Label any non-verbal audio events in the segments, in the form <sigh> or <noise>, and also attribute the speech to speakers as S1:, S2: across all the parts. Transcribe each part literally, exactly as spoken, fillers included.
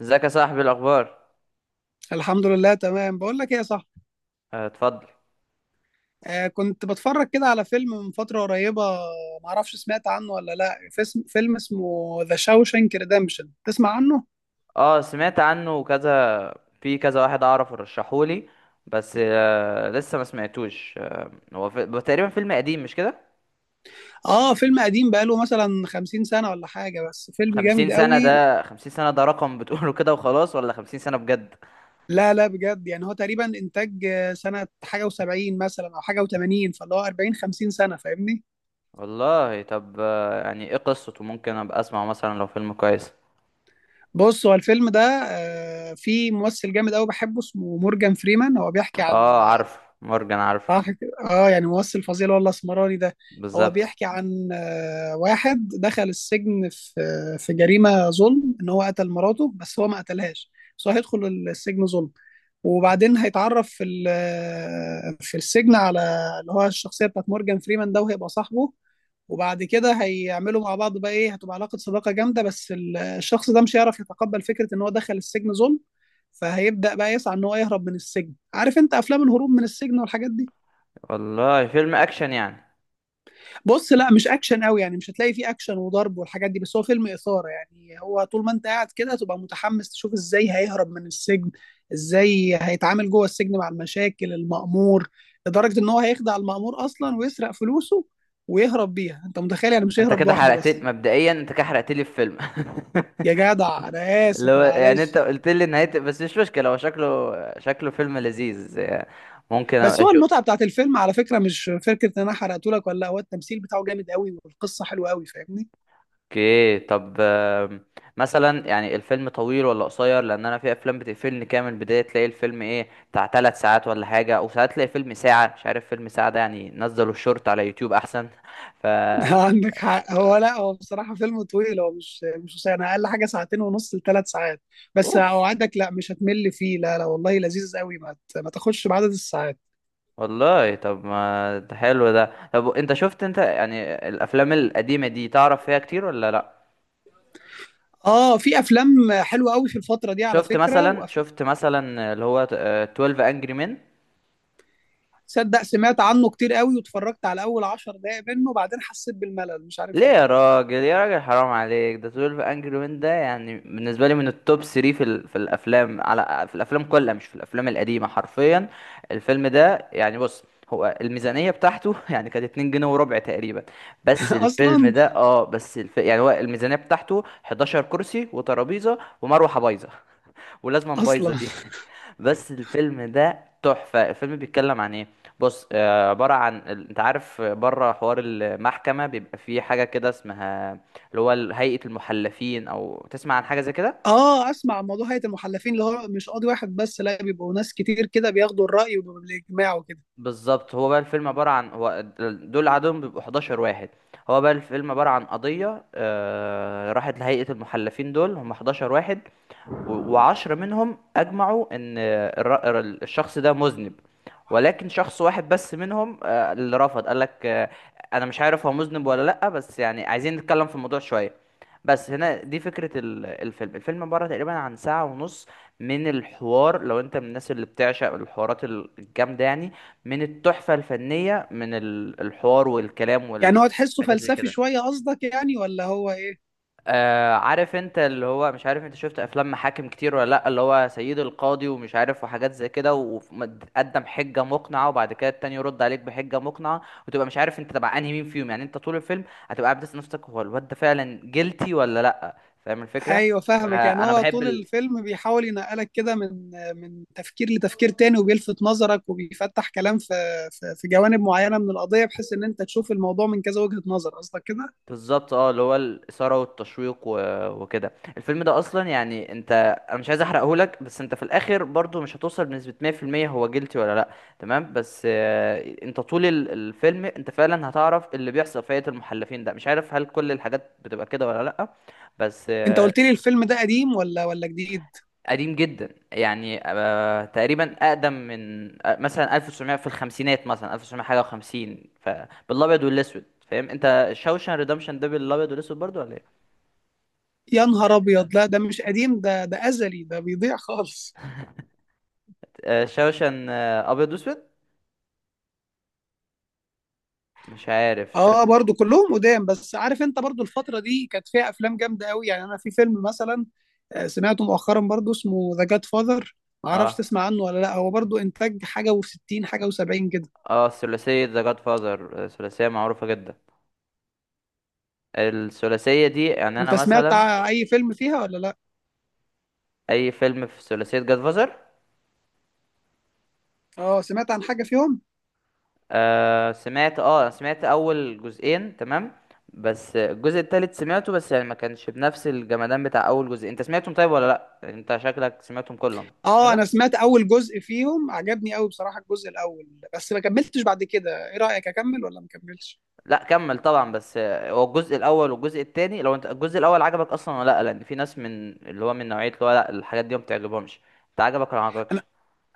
S1: ازيك يا صاحبي، الاخبار؟
S2: الحمد لله تمام. بقول لك ايه يا صاحبي؟
S1: آه، اتفضل.
S2: آه كنت بتفرج كده على فيلم من فترة قريبة. معرفش سمعت عنه ولا لا. فيلم, فيلم اسمه ذا شاوشانك ريدمشن، تسمع عنه؟
S1: اه سمعت عنه كذا. في كذا واحد اعرف رشحولي. بس آه لسه ما سمعتوش، آه هو في... هو تقريبا فيلم قديم مش كده؟
S2: اه، فيلم قديم بقاله مثلا خمسين سنة ولا حاجة، بس فيلم
S1: خمسين
S2: جامد
S1: سنة
S2: قوي.
S1: ده؟ خمسين سنة ده رقم بتقوله كده وخلاص ولا خمسين سنة بجد؟
S2: لا لا بجد، يعني هو تقريبا انتاج آه، سنة حاجة و70 مثلا او حاجة و80، فاللي هو أربعين خمسين سنة، فاهمني؟
S1: والله، طب، آه يعني ايه قصته؟ ممكن ابقى اسمع مثلا لو فيلم كويس.
S2: بص، هو الفيلم ده آه فيه ممثل جامد قوي بحبه اسمه مورجان فريمان. هو بيحكي عن.
S1: اه عارف مورجان عارف.
S2: صح كده، اه يعني ممثل فظيع اللي هو الاسمراني ده. هو
S1: بالظبط.
S2: بيحكي عن آه، واحد دخل السجن في آه، في جريمه ظلم ان هو قتل مراته بس هو ما قتلهاش. بس هو هيدخل السجن ظلم. وبعدين هيتعرف في ال- آه، في السجن على اللي هو الشخصيه بتاعت مورجان فريمان ده، وهيبقى صاحبه. وبعد كده هيعملوا مع بعض، بقى ايه، هتبقى علاقه صداقه جامده. بس ال- الشخص ده مش هيعرف يتقبل فكره ان هو دخل السجن ظلم، فهيبدا بقى يسعى ان هو يهرب من السجن. عارف انت افلام الهروب من السجن والحاجات دي.
S1: والله فيلم اكشن يعني؟
S2: بص، لا مش اكشن قوي، يعني مش هتلاقي فيه اكشن وضرب والحاجات دي، بس هو فيلم اثاره. يعني هو طول ما انت قاعد كده تبقى متحمس تشوف ازاي هيهرب من السجن، ازاي هيتعامل جوه السجن مع المشاكل المأمور. لدرجه ان هو هيخدع المأمور اصلا ويسرق فلوسه ويهرب بيها. انت متخيل؟ يعني مش
S1: انت
S2: هيهرب
S1: كده
S2: لوحده
S1: حرقت
S2: بس.
S1: مبدئيا، انت كده حرقت لي الفيلم. <laughs>
S2: يا جدع انا
S1: اللي
S2: اسف،
S1: هو يعني انت
S2: معلش.
S1: قلت لي نهاية، بس مش مشكلة، هو شكله شكله فيلم لذيذ يعني. ممكن
S2: بس
S1: ابقى
S2: هو
S1: اشوف.
S2: المتعه بتاعت الفيلم على فكره مش فكره ان انا حرقته لك ولا لا، هو التمثيل بتاعه جامد قوي والقصه حلوه قوي، فاهمني؟
S1: اوكي، طب، آم، مثلا يعني الفيلم طويل ولا قصير؟ لان انا في افلام بتقفلني كده من البداية، تلاقي الفيلم ايه، بتاع ثلاث ساعات ولا حاجة، او ساعات تلاقي فيلم ساعة. مش عارف، فيلم ساعة ده يعني نزلوا الشورت على يوتيوب احسن. <laughs> ف
S2: <laughs> عندك حق. هو لا، هو بصراحة فيلم طويل، هو مش مش قصير. انا اقل حاجة ساعتين ونص لثلاث ساعات. بس
S1: اوف.
S2: اوعدك، لا مش هتمل فيه، لا لا والله لذيذ قوي. ما ت- ما تاخدش بعدد الساعات.
S1: والله طب ما ده حلو ده. طب انت شفت، انت يعني الافلام القديمة دي تعرف فيها كتير ولا لا؟
S2: اه في افلام حلوة قوي في الفترة دي على
S1: شفت
S2: فكرة.
S1: مثلا
S2: وأف-
S1: شفت مثلا اللي هو، آه، اتناشر انجري مين؟
S2: تصدق سمعت عنه كتير قوي واتفرجت على اول عشر دقايق منه وبعدين حسيت بالملل مش
S1: ليه
S2: عارف
S1: يا
S2: ليه.
S1: راجل يا راجل، حرام عليك. ده اتناشر انجري مين ده يعني بالنسبه لي من التوب تلاتة في ال... في الافلام على في الافلام كلها، مش في الافلام القديمه، حرفيا. الفيلم ده يعني، بص، هو الميزانيه بتاعته <laughs> يعني كانت اتنين جنيه وربع تقريبا. بس
S2: <laughs>
S1: الفيلم
S2: اصلا.
S1: ده اه بس الف... يعني هو الميزانيه بتاعته 11 كرسي وترابيزه ومروحه بايظه. ولازما بايظه
S2: اصلا.
S1: دي <laughs> بس الفيلم ده تحفه. الفيلم بيتكلم عن ايه؟ بص، آه، عباره عن ال- انت عارف، بره حوار المحكمه بيبقى فيه حاجه كده اسمها، اللي هو ال- هيئه المحلفين، او تسمع عن حاجه زي كده؟
S2: اه، اسمع عن موضوع هيئة المحلفين. اللي هو مش قاضي واحد بس، لا بيبقوا ناس كتير كده بياخدوا الرأي وبالاجماع وكده.
S1: بالظبط. هو بقى الفيلم عباره عن، هو دل- دول عددهم بيبقوا 11 واحد. هو بقى الفيلم عباره عن قضيه، آه، راحت لهيئه المحلفين، دول هم 11 واحد. و- وعشرة منهم أجمعوا إن الر- ال- الشخص ده مذنب. ولكن شخص واحد بس منهم، آه، اللي رفض قال لك، آه، أنا مش عارف هو مذنب ولا لأ، بس يعني عايزين نتكلم في الموضوع شوية. بس هنا دي فكرة ال- الفيلم الفيلم عبارة تقريبا عن ساعة ونص من الحوار. لو انت من الناس اللي بتعشق الحوارات ال- الجامدة يعني، من التحفة الفنية، من ال- الحوار والكلام
S2: يعني هو تحسه
S1: والحاجات زي
S2: فلسفي
S1: كده.
S2: شوية قصدك، يعني ولا هو ايه؟
S1: آه عارف انت اللي هو، مش عارف انت شفت افلام محاكم كتير ولا لا، اللي هو سيد القاضي ومش عارف وحاجات زي كده، وقدم حجة مقنعة وبعد كده التاني يرد عليك بحجة مقنعة، وتبقى مش عارف انت تبع انهي مين فيهم. يعني انت طول الفيلم هتبقى قاعد بتسأل نفسك هو الواد ده فعلا جيلتي ولا لا، فاهم الفكرة؟
S2: ايوه فاهمك. يعني
S1: فانا
S2: هو
S1: بحب
S2: طول
S1: ال...
S2: الفيلم بيحاول ينقلك كده من من تفكير لتفكير تاني، وبيلفت نظرك وبيفتح كلام في في في جوانب معينة من القضية، بحيث ان انت تشوف الموضوع من كذا وجهة نظر، قصدك كده؟
S1: بالظبط، اه، اللي هو الاثاره والتشويق و... وكده. الفيلم ده اصلا يعني، انت، انا مش عايز احرقه لك، بس انت في الاخر برضو مش هتوصل بنسبه ميه في الميه هو جيلتي ولا لا. تمام. بس آه، انت طول ال- الفيلم انت فعلا هتعرف اللي بيحصل في هيئه المحلفين ده. مش عارف هل كل الحاجات بتبقى كده ولا لا. بس
S2: انت
S1: آه،
S2: قلت لي الفيلم ده قديم ولا ولا جديد؟
S1: قديم جدا يعني، آه، تقريبا اقدم من، آه، مثلا ألف وتسعمية، في الخمسينات، مثلا ألف وتسعمية حاجه و50. فبالابيض والاسود. فاهم انت شاوشان ريدمشن ده بالابيض والاسود برضو ولا إيه؟
S2: يا نهار ابيض، لا ده مش قديم، ده ده ازلي، ده بيضيع خالص.
S1: آه، شوشن، آه، ابيض واسود. مش عارف
S2: اه
S1: شكله.
S2: برضو كلهم قدام. بس عارف انت برضو الفترة دي كانت فيها افلام جامدة قوي. يعني انا في فيلم مثلا آه، سمعته مؤخرا برضو اسمه ذا جاد فاذر. ما اعرفش
S1: اه
S2: تسمع عنه ولا لا. هو برضو انتاج حاجة و60 حاجة و70 كده.
S1: اه الثلاثيه ذا جاد فاذر، ثلاثيه معروفه جدا. الثلاثيه دي يعني انا
S2: انت سمعت
S1: مثلا،
S2: ع- اي فيلم فيها ولا لا؟
S1: اي فيلم في ثلاثيه جاد فاذر؟
S2: اه سمعت عن حاجة فيهم.
S1: آه سمعت اه سمعت اول جزئين، تمام. بس الجزء التالت سمعته، بس يعني ما كانش بنفس الجمدان بتاع اول جزء. انت سمعتهم طيب ولا لا؟ انت شكلك سمعتهم كلهم مش
S2: اه
S1: كده؟
S2: انا سمعت اول جزء فيهم عجبني قوي بصراحة، الجزء الاول. بس ما كملتش بعد كده، ايه رأيك اكمل ولا ما كملش؟
S1: لا، كمل طبعا. بس آه، هو الجزء الاول والجزء التاني، لو انت الجزء الاول عجبك اصلا ولا لا، لان في ناس من اللي هو من نوعيه، اللي هو لا، الحاجات دي ما بتعجبهمش. انت عجبك ولا ما عجبكش؟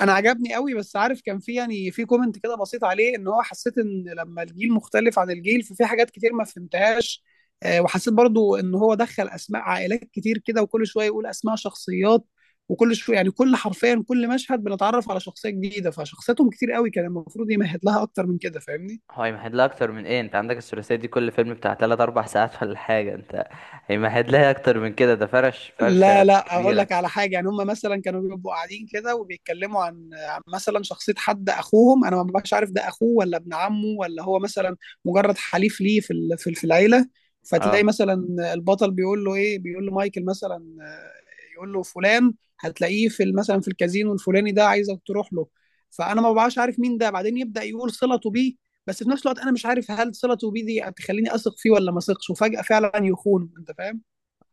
S2: انا عجبني قوي. بس عارف كان في يعني في كومنت كده بسيط عليه، ان هو حسيت ان لما الجيل مختلف عن الجيل ففي حاجات كتير ما فهمتهاش. آه، وحسيت برضو ان هو دخل اسماء عائلات كتير كده، وكل شويه يقول اسماء شخصيات، وكل شويه يعني كل حرفيا كل مشهد بنتعرف على شخصيه جديده، فشخصياتهم كتير قوي، كان المفروض يمهد لها اكتر من كده، فاهمني؟
S1: هو هيمهد لها اكتر من ايه؟ انت عندك الثلاثيه دي كل فيلم بتاع تلات 4 ساعات ولا حاجه، انت. هيمهد لها اكتر من كده؟ ده فرش فرشه
S2: لا لا، اقول
S1: كبيره.
S2: لك على حاجه. يعني هم مثلا كانوا بيبقوا قاعدين كده وبيتكلموا عن عن مثلا شخصيه حد اخوهم، انا ما ببقاش عارف ده اخوه ولا ابن عمه، ولا هو مثلا مجرد حليف ليه في ال- في في العيله. فتلاقي
S1: اه.
S2: مثلا البطل بيقول له ايه، بيقول له مايكل مثلا، آه، يقول له فلان هتلاقيه في ال- مثلا في الكازينو الفلاني ده، عايزك تروح له. فانا ما ببقاش عارف مين ده، بعدين يبدا يقول صلته بيه، بس في نفس الوقت انا مش عارف هل صلته بيه دي هتخليني اثق فيه ولا ما اثقش، وفجاه فعلا يخون، انت فاهم؟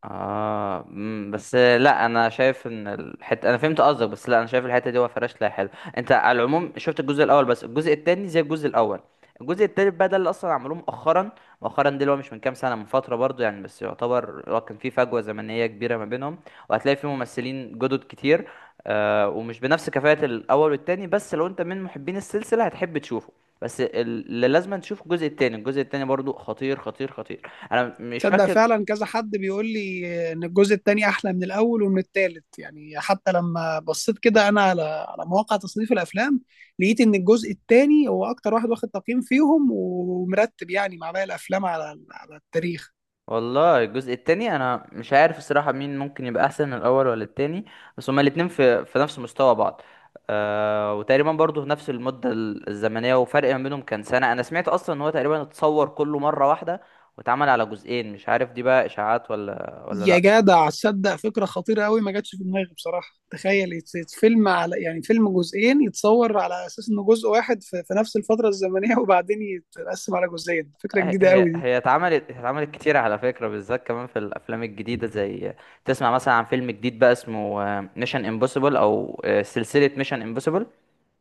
S1: اه، امم بس لا، انا شايف ان الحته، انا فهمت قصدك، بس لا، انا شايف الحته دي وفراش لا حلو. انت على العموم شفت الجزء الاول، بس الجزء التاني زي الجزء الاول. الجزء التالت بقى ده اللي اصلا عملوه مؤخرا. مؤخرا ده اللي هو، مش من كام سنه، من فتره برضو يعني، بس يعتبر هو كان في فجوه زمنيه كبيره ما بينهم. وهتلاقي فيه ممثلين جدد كتير. آه ومش بنفس كفاءه الاول والتاني، بس لو انت من محبين السلسله هتحب تشوفه. بس ال- اللي لازم تشوف الجزء التاني. الجزء التاني برضو خطير خطير خطير. انا مش
S2: تصدق
S1: فاكر.
S2: فعلا كذا حد بيقول لي ان الجزء الثاني احلى من الاول ومن الثالث. يعني حتى لما بصيت كده انا على على مواقع تصنيف الافلام، لقيت ان الجزء الثاني هو اكتر واحد واخد تقييم فيهم ومرتب يعني مع باقي الافلام على على التاريخ.
S1: والله الجزء التاني انا مش عارف الصراحة مين ممكن يبقى احسن، الاول ولا التاني. بس هما الاتنين في في نفس مستوى بعض. آه وتقريبا برضو في نفس المدة ال- الزمنية. وفرق ما بينهم كان سنة. انا سمعت اصلا ان هو تقريبا اتصور كله مرة واحدة واتعمل على جزئين. مش عارف دي بقى اشاعات ولا ولا
S2: يا
S1: لا.
S2: جدع تصدق فكره خطيره قوي ما جاتش في دماغي بصراحه. تخيل يت- يت- فيلم على يعني فيلم جزئين يتصور على اساس انه جزء واحد في, في نفس الفتره الزمنيه <laughs> وبعدين يتقسم على جزئين، فكره
S1: هي
S2: جديده قوي
S1: هي
S2: دي.
S1: هي اتعملت هي اتعملت كتير على فكرة، بالذات كمان في الافلام الجديدة، زي تسمع مثلا عن فيلم جديد بقى اسمه ميشن امبوسيبل، او آه، سلسلة ميشن امبوسيبل.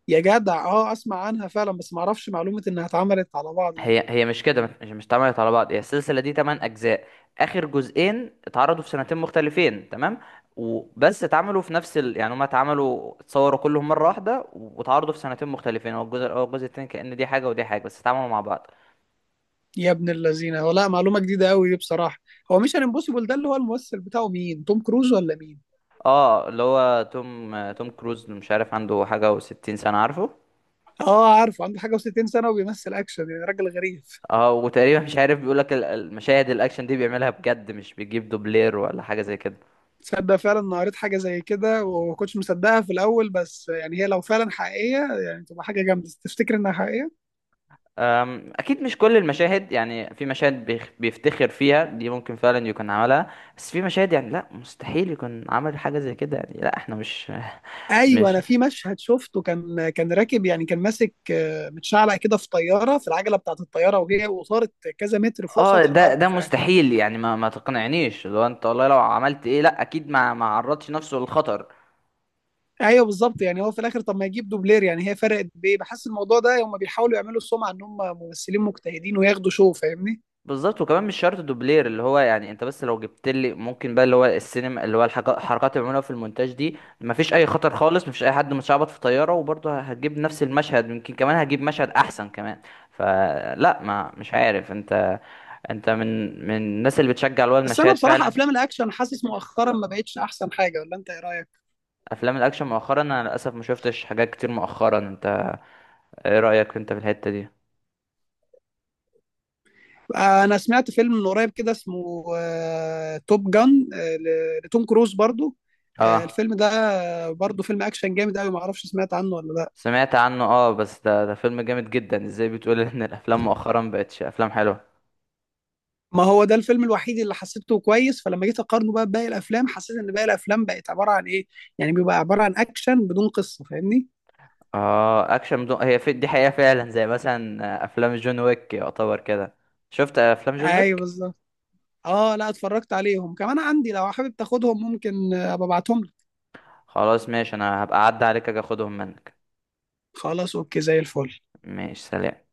S2: يا جدع اه اسمع عنها فعلا، بس ما اعرفش معلومه انها اتعملت على بعض دي.
S1: هي هي مش كده، مش مش اتعملت على بعض. هي السلسله دي 8 اجزاء. اخر جزئين اتعرضوا في سنتين مختلفين، تمام. وبس اتعملوا في نفس ال... يعني هما اتعملوا اتصوروا كلهم مره واحده، واتعرضوا في سنتين مختلفين. هو الجزء الاول والجزء التاني كأن دي حاجه ودي حاجه، بس اتعملوا مع بعض.
S2: يا ابن اللذينه، هو لا، معلومه جديده قوي دي بصراحه. هو مش امبوسيبل ده اللي هو الممثل بتاعه مين، توم كروز ولا مين؟
S1: اه، اللي هو توم توم كروز، مش عارف عنده حاجه و60 سنه، عارفه.
S2: اه عارفه عنده حاجه و60 سنه وبيمثل اكشن، يعني راجل غريب.
S1: اه، وتقريبا، مش عارف، بيقول لك المشاهد الاكشن دي بيعملها بجد، مش بيجيب دوبلير ولا حاجه زي كده.
S2: تصدق فعلا انا قريت حاجه زي كده وما كنتش مصدقها في الاول. بس يعني هي لو فعلا حقيقيه، يعني تبقى حاجه جامده تفتكر انها حقيقيه.
S1: أم، اكيد مش كل المشاهد، يعني في مشاهد بيخ- بيفتخر فيها دي ممكن فعلا يكون عملها. بس في مشاهد يعني لا، مستحيل يكون عمل حاجه زي كده، يعني لا احنا مش،
S2: ايوه
S1: مش،
S2: انا في مشهد شفته كان كان راكب، يعني كان ماسك آه، متشعلق كده في طياره في العجله بتاعت الطياره، وهي وصارت كذا متر فوق
S1: اه،
S2: سطح
S1: ده
S2: الارض،
S1: ده
S2: فيعني.
S1: مستحيل. يعني ما ما تقنعنيش، لو انت والله لو عملت ايه لا، اكيد ما ما عرضش نفسه للخطر.
S2: ايوه بالظبط، يعني هو في الاخر طب ما يجيب دوبلير، يعني هي فرقت بايه؟ بحس الموضوع ده هم بيحاولوا يعملوا السمعه ان هم ممثلين مجتهدين وياخدوا شو، فاهمني؟
S1: بالظبط، وكمان مش شرط دوبلير اللي هو، يعني انت بس لو جبت لي ممكن بقى اللي هو السينما، اللي هو الحاجات الحركات اللي بيعملوها في المونتاج دي، مفيش اي خطر خالص، مفيش اي حد متشعبط في طياره وبرضه هتجيب نفس المشهد، يمكن كمان هتجيب مشهد احسن كمان. فلا، ما مش عارف انت، انت من من الناس اللي بتشجع، اللي هو
S2: بس انا
S1: المشاهد
S2: بصراحه
S1: فعلا.
S2: افلام الاكشن حاسس مؤخرا ما بقتش احسن حاجه، ولا انت ايه رايك؟
S1: افلام الاكشن مؤخرا انا للاسف ما شفتش حاجات كتير مؤخرا. انت ايه رايك انت في الحته دي؟
S2: آه، انا سمعت فيلم من قريب كده اسمه آه، توب جان، آه، ل- لتوم كروز برضو. آه،
S1: اه
S2: الفيلم ده آه، برضو فيلم اكشن جامد قوي، ما اعرفش سمعت عنه ولا لا.
S1: سمعت عنه. اه بس ده ده فيلم جامد جدا، ازاي بتقول ان الافلام مؤخرا بقتش افلام حلوه؟
S2: ما هو ده الفيلم الوحيد اللي حسيته كويس، فلما جيت اقارنه بقى بباقي الافلام حسيت ان باقي الافلام بقت عباره عن ايه. يعني بيبقى عباره عن اكشن بدون قصه، فاهمني؟
S1: اه، اكشن بدون، هي في دي حقيقة فعلا، زي مثلا آه، افلام جون ويك يعتبر كده. شفت افلام جون
S2: ايوه
S1: ويك؟
S2: بالظبط. اه لا اتفرجت عليهم، كمان عندي لو حابب تاخدهم، ممكن آه، ابقى ابعتهم لك.
S1: خلاص ماشي، انا هبقى اعدي عليك اجي اخدهم منك.
S2: خلاص اوكي زي الفل.
S1: ماشي، سلام.